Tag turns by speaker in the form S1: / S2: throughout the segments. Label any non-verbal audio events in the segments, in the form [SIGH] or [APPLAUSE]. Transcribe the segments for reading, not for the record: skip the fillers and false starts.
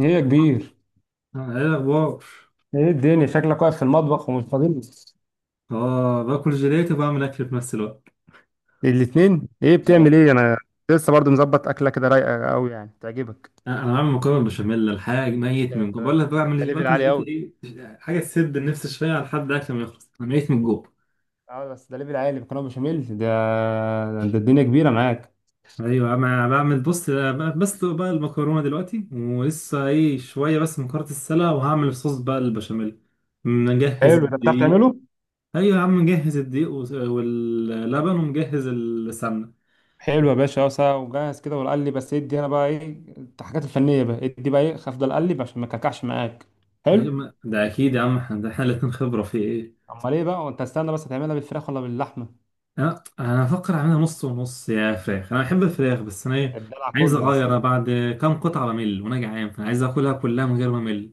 S1: ايه يا كبير؟
S2: آه، ايه الاخبار؟
S1: ايه الدنيا، شكلك واقف في المطبخ ومش فاضي.
S2: اه، باكل جيلاتي وبعمل اكل في نفس الوقت.
S1: الاثنين ايه،
S2: اه،
S1: بتعمل ايه انا؟ لسه برضو مظبط اكله كده رايقه قوي يعني تعجبك.
S2: انا بعمل مكرونه بشاميل. الحاجه ميت
S1: ده
S2: من
S1: انت
S2: جوع، بقول لك
S1: ده، انت
S2: بعمل
S1: ليفل
S2: باكل
S1: عالي
S2: جيلاتي،
S1: قوي.
S2: ايه حاجه تسد النفس شويه لحد اكل ما يخلص، انا ميت من جوع.
S1: اه بس ده ليفل عالي، مكرونه بشاميل ده. ده الدنيا كبيره معاك.
S2: ايوه، انا بعمل. بص، بس بقى المكرونه دلوقتي ولسه شويه، بس مكرونه السلة، وهعمل صوص بقى البشاميل. مجهز
S1: حلو، ده بتعرف
S2: الدقيق.
S1: تعمله؟
S2: ايوه يا عم، مجهز الدقيق واللبن ومجهز السمنه.
S1: حلو يا باشا، اه ساعة وجاهز كده والقلي بس. ادي انا بقى ايه الحاجات الفنيه بقى، ادي بقى ايه افضل اقلب عشان ما اكلكعش معاك.
S2: أيوة،
S1: حلو.
S2: ده اكيد يا عم، احنا الاتنين خبره في ايه.
S1: امال ايه بقى، وانت استنى بس هتعملها بالفراخ ولا باللحمه؟
S2: انا افكر اعملها نص ونص، يا فراخ، انا بحب الفراخ، بس انا
S1: الدلع
S2: عايز
S1: كله بس.
S2: اغير. أنا بعد كام قطعه بمل وانا جعان، فانا عايز اكلها كلها من غير ما امل.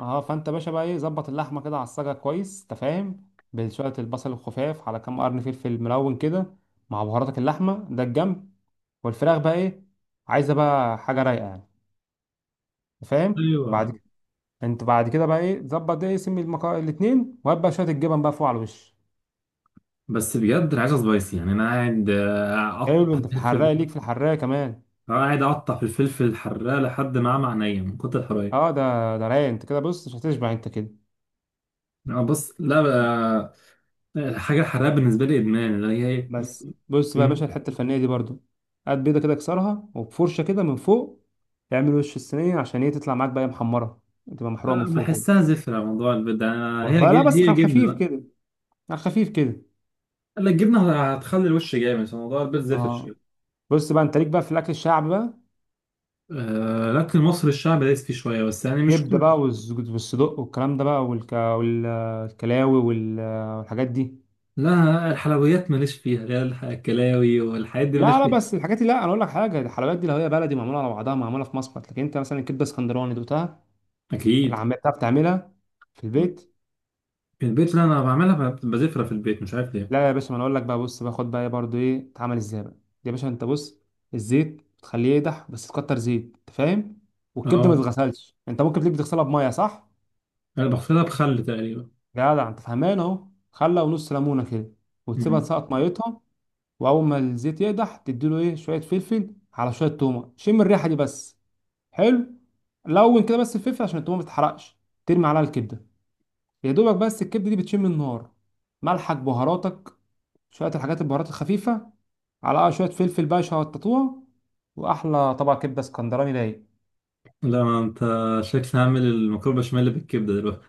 S1: اه فانت باشا بقى ايه، ظبط اللحمه كده على الصاجه كويس انت فاهم، بشويه البصل الخفاف على كام قرن فلفل ملون كده، مع بهاراتك، اللحمه ده الجنب. والفراخ بقى ايه، عايزه بقى حاجه رايقه يعني، انت فاهم.
S2: ايوه،
S1: بعد كده، انت بعد كده بقى ايه ظبط، ده اسم الاتنين، وهات بقى شويه الجبن بقى فوق على الوش.
S2: بس بجد انا عايزها سبايسي، يعني انا قاعد
S1: حلو،
S2: اقطع
S1: انت في
S2: في
S1: الحراقه
S2: الفلفل.
S1: ليك، في الحراقه كمان.
S2: أنا قاعد اقطع في الفلفل الحراق لحد ما اعمى عينيا من كتر الحراق.
S1: اه ده رايق، انت كده بص مش هتشبع انت كده.
S2: أنا بص، لا بقى. الحاجه الحراقه بالنسبه لي ادمان، اللي هي.
S1: بس بص بقى يا
S2: م-
S1: باشا، الحته الفنيه دي برضو هات بيضه كده اكسرها، وبفرشه كده من فوق تعمل وش الصينيه عشان ايه تطلع معاك بقى محمره، تبقى محروقه من
S2: آه،
S1: فوق كده.
S2: بحسها زفره. موضوع البيض ده
S1: والله لا، بس
S2: هي
S1: على
S2: جبنه
S1: خفيف
S2: بقى.
S1: كده، على خفيف كده.
S2: لا، الجبنه هتخلي الوش جامد، فموضوع البيض زفر
S1: اه
S2: شوية.
S1: بص بقى، انت ليك بقى في الاكل الشعبي بقى،
S2: آه، لكن مصر الشعب دايس فيه شوية، بس يعني مش
S1: كبده
S2: كله.
S1: بقى والصدق والكلام ده بقى والكلاوي والحاجات دي.
S2: لا، الحلويات ماليش فيها، اللي هي الكلاوي والحاجات دي ماليش
S1: لا لا،
S2: فيها.
S1: بس الحاجات دي لا، انا اقول لك حاجه، الحلويات دي لو هي بلدي معموله على بعضها معموله في مصمت، لكن انت مثلا الكبده اسكندراني دوتها اللي
S2: أكيد.
S1: عم بتعرف تعملها في البيت.
S2: البيت اللي أنا بعملها بزفرة في البيت، مش عارف ليه.
S1: لا يا باشا، ما انا اقول لك بقى، بص باخد بقى برضو ايه اتعمل ازاي بقى. يا باشا انت بص، الزيت بتخليه يقدح بس تكتر زيت انت فاهم، والكبده ما
S2: أه،
S1: تتغسلش، انت ممكن تيجي تغسلها بميه، صح،
S2: أنا بغسلها بخل تقريبا.
S1: جدع انت فهمان اهو، خله ونص ليمونه كده وتسيبها
S2: مم.
S1: تسقط ميتها. واول ما الزيت يقدح، تديله ايه شويه فلفل على شويه تومه، شم الريحه دي بس، حلو، لون كده بس الفلفل عشان التومه ما تتحرقش. ترمي عليها الكبده يا دوبك بس، الكبده دي بتشم النار، ملحك بهاراتك، شويه الحاجات البهارات الخفيفه، على شويه فلفل بقى شططوها، واحلى طبق كبده اسكندراني رايق.
S2: لا ما أنت، شكلي هعمل المكرونة بشاميل بالكبدة دلوقتي.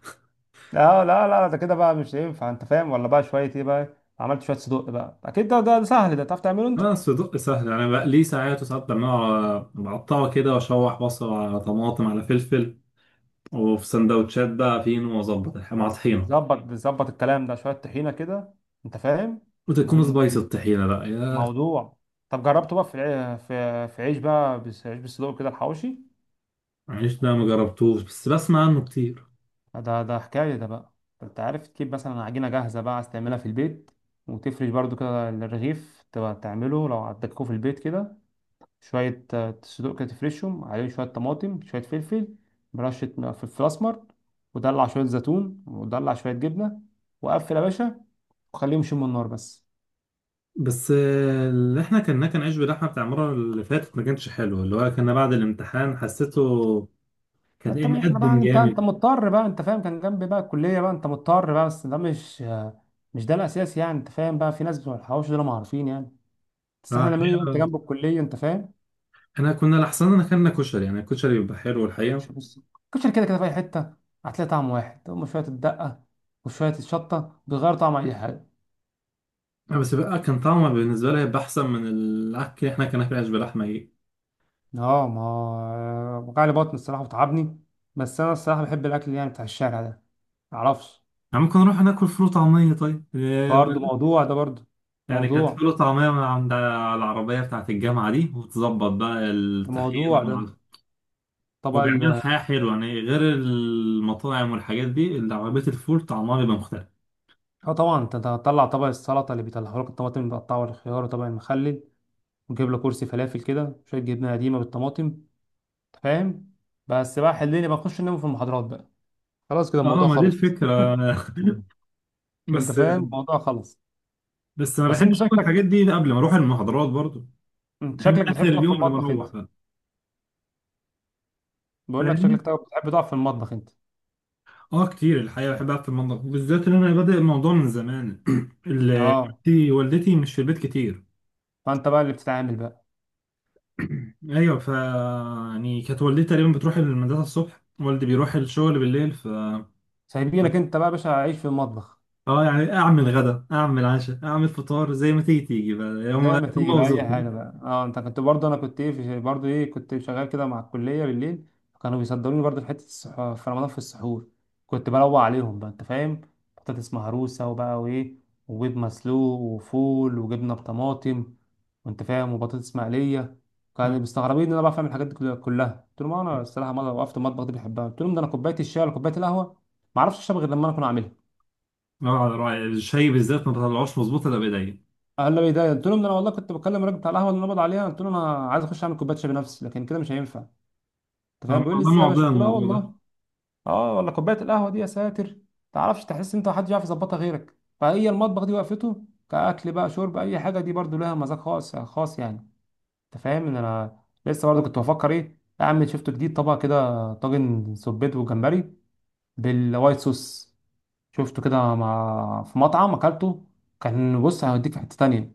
S1: لا لا لا، ده كده بقى مش ينفع انت فاهم. ولا بقى شويه ايه بقى، عملت شويه صدق بقى، اكيد ده سهل، ده تعرف تعمله انت.
S2: أنا الصدق سهل يعني، بقليه ساعات وساعات، بعمله بقطعه كده وأشوح بصل على طماطم على فلفل، وفي سندوتشات بقى فين وأظبط مع طحينة.
S1: ظبط الكلام ده، شويه طحينه كده انت فاهم.
S2: وتكون
S1: مهم،
S2: سبايسي الطحينة بقى.
S1: موضوع. طب جربته بقى في الع- في في عيش بقى عيش بالصدق كده، الحواوشي
S2: عيش ده ما جربتوش، بس بسمع عنه كتير.
S1: ده، ده حكاية ده بقى. انت عارف تجيب مثلا عجينة جاهزة بقى، عايز تعملها في البيت وتفرش برضو كده الرغيف، تبقى تعمله لو عندكوا في البيت كده. شوية صدوق كده، تفرشهم عليهم شوية طماطم، شوية فلفل، برشة فلفل أسمر، ودلع شوية زيتون، ودلع شوية جبنة، وقفل يا باشا، وخليهم يشموا النار بس.
S2: بس اللي احنا كنا، كان عيش بلحمه بتاع المره اللي فاتت، ما كانش حلو، اللي هو كنا بعد الامتحان حسيته.
S1: ما
S2: كان
S1: انت مش احنا بقى،
S2: مقدم
S1: انت
S2: جامد.
S1: انت مضطر بقى انت فاهم، كان جنبي بقى الكلية بقى، انت مضطر بقى. بس ده مش مش ده الأساس يعني انت فاهم. بقى في ناس بتوع الحواوشي دول ما عارفين يعني،
S2: اه
S1: بس احنا هنعمله يبقى انت
S2: الحقيقه،
S1: جنب الكليه انت فاهم.
S2: انا كنا لحسن، انا كنا كشري، يعني الكشري بيبقى حلو
S1: مش
S2: الحقيقه.
S1: بص، كشري كده كده في اي حته هتلاقي طعم واحد، هم شويه الدقه وشويه الشطه بيغيروا طعم اي حاجه.
S2: بس بقى كان طعمه بالنسبه لي هيبقى احسن من الاكل اللي احنا كنا فيه، عيش بلحمه.
S1: اه ما وجعلي بطن الصراحه وتعبني، بس انا الصراحه بحب الاكل يعني بتاع الشارع ده، معرفش.
S2: يعني ممكن نروح ناكل فول وطعميه طيب.
S1: برضه موضوع ده، برضه
S2: يعني كانت
S1: موضوع
S2: فول وطعميه من عند العربيه بتاعت الجامعه دي، وتظبط بقى
S1: ده،
S2: الطحينه
S1: موضوع ده،
S2: مع.
S1: طبق
S2: هو بيعمل
S1: ال.
S2: حياة حلوة يعني، غير المطاعم والحاجات دي، اللي عربية الفول طعمها بيبقى مختلف.
S1: اه طبعا، انت أنت هتطلع طبق السلطه اللي بيطلعوا لك الطماطم المتقطعه والخيار وطبق المخلل، وتجيب له كرسي فلافل كده، شويه جبنه قديمه بالطماطم، أنت فاهم. بس بقى حليني بخش انام في المحاضرات بقى، خلاص كده
S2: اه،
S1: الموضوع
S2: ما دي
S1: خلص.
S2: الفكرة.
S1: [LAUGHS]
S2: [LAUGHS]
S1: انت
S2: بس
S1: فاهم، الموضوع خلص.
S2: بس ما
S1: بس انت
S2: بحبش اكل
S1: شكلك،
S2: الحاجات دي قبل ما اروح المحاضرات برضو.
S1: انت
S2: بحب
S1: شكلك
S2: اخر
S1: بتحب تقف في
S2: اليوم قبل ما
S1: المطبخ
S2: اروح
S1: انت.
S2: بقى.
S1: بقول لك
S2: فاهمني.
S1: شكلك بتحب تقف في المطبخ انت.
S2: اه كتير الحقيقة، بحب اقعد في المطبخ بالذات ان انا بادئ الموضوع من زمان، [CLEARS THROAT] ال-
S1: اه
S2: والدتي مش في البيت كتير.
S1: فانت بقى اللي بتتعامل بقى.
S2: [CLEARS THROAT] ايوه، يعني كانت والدتي تقريبا بتروح المدرسة الصبح، والدي بيروح الشغل بالليل.
S1: سايبينك انت بقى يا باشا عيش في المطبخ.
S2: اه يعني، اعمل غدا اعمل عشاء اعمل فطار زي ما تيجي تيجي بقى، هم
S1: زي ما
S2: هم
S1: تيجي بقى اي
S2: وذوقهم.
S1: حاجه بقى. اه انت كنت برضه، انا كنت ايه برضه ايه، كنت شغال كده مع الكليه بالليل، كانوا بيصدروني برضه في حته في رمضان في السحور. كنت بروق عليهم بقى انت فاهم، بطاطس مهروسه وبقى وايه، وبيض مسلوق وفول وجبنه بطماطم، وانت فاهم، وبطاطس مقليه.
S2: اه،
S1: كانوا مستغربين ان انا بعرف اعمل الحاجات دي كلها. قلت لهم انا الصراحه مره وقفت المطبخ دي بحبها. قلت لهم ده انا كوبايه الشاي ولا كوبايه القهوه ما اعرفش اشرب غير لما انا اكون عاملها.
S2: على رأي الشاي بالذات ما بطلعوش مظبوط الا بايديا.
S1: قال لي ده قلت لهم ده انا والله كنت بكلم الراجل بتاع القهوه اللي نبض عليها، قلت له انا عايز اخش اعمل كوبايه شاي بنفسي لكن كده مش هينفع انت فاهم،
S2: اه
S1: بيقول لي
S2: والله،
S1: ازاي يا باشا،
S2: معضله
S1: قلت له اه
S2: الموضوع ده.
S1: والله. اه، ولا كوبايه القهوه دي يا ساتر، تعرفش تحس انت محدش يعرف يظبطها غيرك. فهي المطبخ دي وقفته كاكل بقى شرب اي حاجه، دي برضو لها مذاق خاص خاص يعني، انت فاهم ان انا لسه برضو كنت بفكر ايه اعمل شفت جديد، طبق كده طاجن سبيت وجمبري بالوايت صوص، شفته كده مع في مطعم اكلته، كان بص هيوديك في حته تانيه.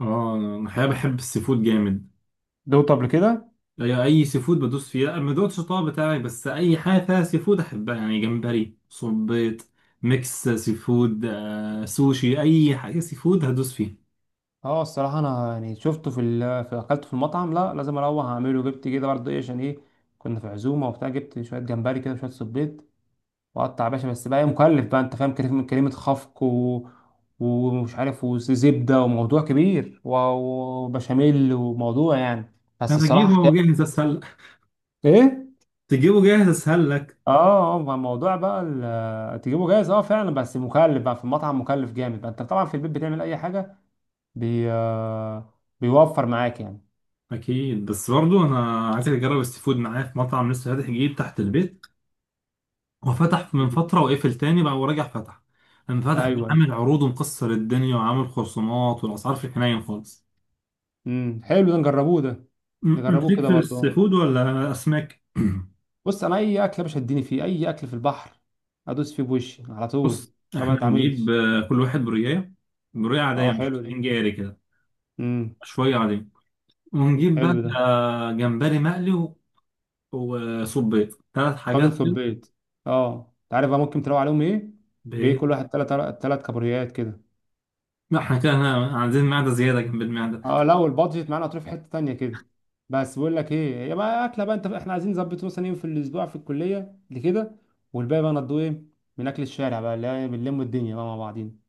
S2: اه، انا الحقيقه بحب السي فود جامد.
S1: دوقته قبل كده؟
S2: اي سي فود بدوس فيه، لا، ما دوتش الطبق بتاعي، بس اي حاجه فيها سي فود احبها، يعني جمبري صبيط. ميكس سي فود سوشي، اي حاجه سي فود هدوس فيها.
S1: اه الصراحة أنا يعني شفته في ال في أكلته في المطعم، لا لازم أروح أعمله، جبت كده برضه إيه عشان إيه، كنا في عزومة وبتاع، جبت شوية جمبري كده وشوية صبيط وقطع يا باشا، بس بقى إيه مكلف بقى أنت فاهم، كلمة كلمة خفق ومش عارف، وزبدة وموضوع كبير وبشاميل وموضوع يعني، بس
S2: انا
S1: الصراحة
S2: اجيبه
S1: حكاية.
S2: جاهز اسهل.
S1: إيه؟
S2: تجيبه جاهز اسهل لك.
S1: اه اه، ما الموضوع بقى تجيبه جاهز اه فعلا، بس مكلف بقى في المطعم مكلف جامد بقى، انت طبعا في البيت بتعمل اي حاجه بي... آه، بيوفر معاك يعني.
S2: اكيد، بس برضو انا عايزك تجرب السي فود معايا في مطعم لسه فاتح جديد تحت البيت. هو فتح من فتره وقفل تاني بقى ورجع فتح. لما فتح بقى،
S1: ايوه.
S2: عامل عروض ومكسر الدنيا وعامل خصومات، والاسعار في الحنين خالص.
S1: حلو ده، نجربوه ده.
S2: انت
S1: نجربوه
S2: ليك
S1: كده
S2: في السي
S1: برضه.
S2: فود ولا اسماك؟
S1: بص انا اي اكل يا باشا اديني فيه، اي اكل في البحر ادوس فيه بوشي على طول،
S2: بص،
S1: ما
S2: احنا هنجيب
S1: بتعاملش.
S2: كل واحد بريايه، بريايه عاديه
S1: اه
S2: مش
S1: حلو دي،
S2: 200 جاري كده،
S1: امم
S2: شويه عاديه، ونجيب بقى
S1: حلو ده.
S2: جمبري مقلي وصبيط، ثلاث
S1: طاجن
S2: حاجات كده.
S1: سبيت، اه انت عارف بقى ممكن تروق عليهم ايه، بايه
S2: ب-
S1: كل واحد تلات تلات كابوريات كده.
S2: لا احنا كده، عايزين معده زياده جنب المعده.
S1: اه لو البادجت معانا هتروح في حته تانيه كده. بس بقول لك ايه يا بقى، اكله بقى انت، احنا عايزين نظبط مثلا يوم في الاسبوع في الكليه لكده، والباقي بقى نضوه ايه من اكل الشارع بقى اللي هي بنلم الدنيا بقى مع بعضينا.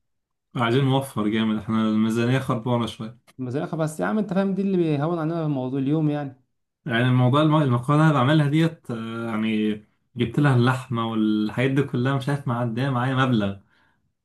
S2: عايزين نوفر جامد، احنا الميزانية خربانة شوية.
S1: مزرعة بس يا عم انت فاهم، دي اللي بيهون علينا الموضوع اليوم يعني.
S2: يعني الموضوع المقالة اللي أنا بعملها ديت يعني، جبت لها اللحمة والحاجات دي كلها، مش عارف معدية معايا مبلغ.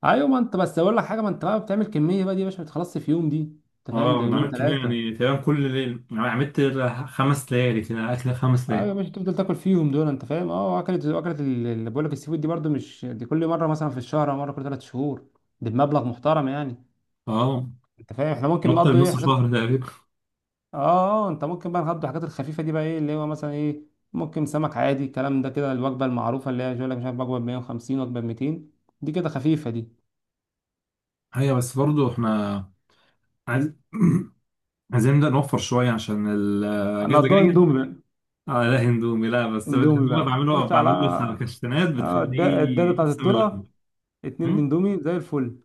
S1: ايوه ما انت، بس اقول لك حاجه، ما انت بقى بتعمل كميه بقى دي يا باشا ما بتخلصش في يوم دي، انت فاهم،
S2: اه،
S1: ده
S2: انا
S1: يومين
S2: عملت كمية
S1: ثلاثه.
S2: يعني، تقريبا كل ليل، يعني عملت 5 ليالي كده، أكل خمس
S1: ايوه يا
S2: ليالي
S1: باشا، تفضل تاكل فيهم دول انت فاهم. اه، اكلت اللي بقول لك السي فود دي برضو، مش دي كل مره، مثلا في الشهر او مره كل ثلاث شهور، دي بمبلغ محترم يعني،
S2: اه،
S1: انت فاهم، احنا ممكن
S2: نقطة
S1: نقضي ايه
S2: نص
S1: حاجات.
S2: شهر تقريبا.
S1: اه اه، انت ممكن بقى نقضي الحاجات الخفيفه دي بقى ايه اللي هو مثلا ايه، ممكن سمك عادي، الكلام ده كده، الوجبه المعروفه اللي هي يقول لك مش عارف وجبه ب 150، وجبه ب 200، دي كده خفيفه دي.
S2: ايوه، بس برضو احنا عايز [CLEARS THROAT] عايزين نبدأ نوفر شوية عشان الأجازة
S1: هنقضيها
S2: الجاية.
S1: اندومي بقى.
S2: اه لا، هندومي لا، بس
S1: اندومي
S2: الهندومي
S1: بقى
S2: بعمله
S1: خش على
S2: بعمله فركشتنات
S1: الداده
S2: بتخليه
S1: بتاعت
S2: يقسم
S1: الطرقه،
S2: اللحمة.
S1: اتنين اندومي زي الفل.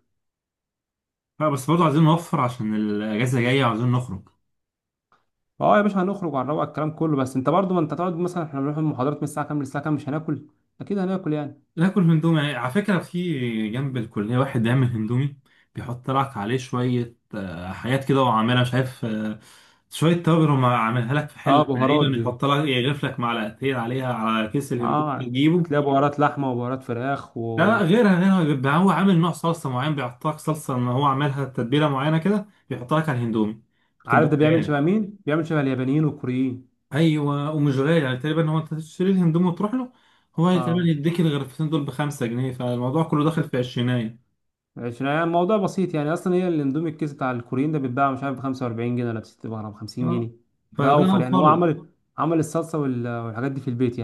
S2: لا، بس برضه عايزين نوفر عشان الأجازة جاية وعايزين نخرج.
S1: اه يا باشا، هنخرج وهنروق الكلام كله، بس انت برضو ما انت تقعد مثلا، احنا بنروح المحاضرات من الساعه كام للساعه كام، مش هناكل، اكيد هناكل يعني.
S2: ناكل هندومي، يعني على فكرة في جنب الكلية واحد بيعمل هندومي بيحط لك عليه شوية حاجات كده، وعاملها شايف. شوية توابل، وما عاملها لك في
S1: اه
S2: حل
S1: بهارات
S2: تقريبا،
S1: دي،
S2: يحط لك يغرف لك معلقتين عليها على كيس الهندومي اللي
S1: اه
S2: تجيبه.
S1: هتلاقي بهارات لحمه وبهارات فراخ
S2: لا لا،
S1: وعارف.
S2: غيرها غيرها، بيبقى هو عامل نوع صلصة معين بيحط لك صلصة، إن هو عاملها تتبيلة معينة كده بيحط لك على الهندومي. بتبقى
S1: ده بيعمل
S2: خيال.
S1: شبه مين، بيعمل شبه اليابانيين والكوريين.
S2: ايوه، ومش غالي يعني، تقريبا هو انت تشتري الهندوم وتروح له. هو تقريبا
S1: اه
S2: يديك الغرفتين دول ب5 جنيه، فالموضوع كله داخل في عشرينية.
S1: عشان يعني الموضوع بسيط يعني اصلا، هي الاندومي الكيس بتاع الكوريين ده بيتباع مش عارف ب 45 جنيه ولا ب 60 ولا ب 50
S2: اه
S1: جنيه ده
S2: فده، انا
S1: اوفر يعني.
S2: اوفر
S1: هو
S2: لك.
S1: عمل الصلصه والحاجات دي في البيت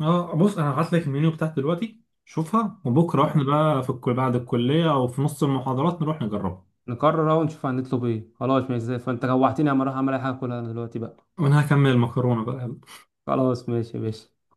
S2: اه بص، انا هبعت لك المنيو بتاعت دلوقتي شوفها، وبكره احنا
S1: يعني.
S2: بقى في الكل بعد الكلية او في نص المحاضرات نروح نجربها.
S1: نقرر اهو نشوف هنطلب ايه. خلاص ماشي زي الفل. فانت جوعتني اما اروح اعمل اي حاجه كلها انا دلوقتي بقى.
S2: وانا هكمل المكرونة بقى.
S1: خلاص ماشي يا باشا.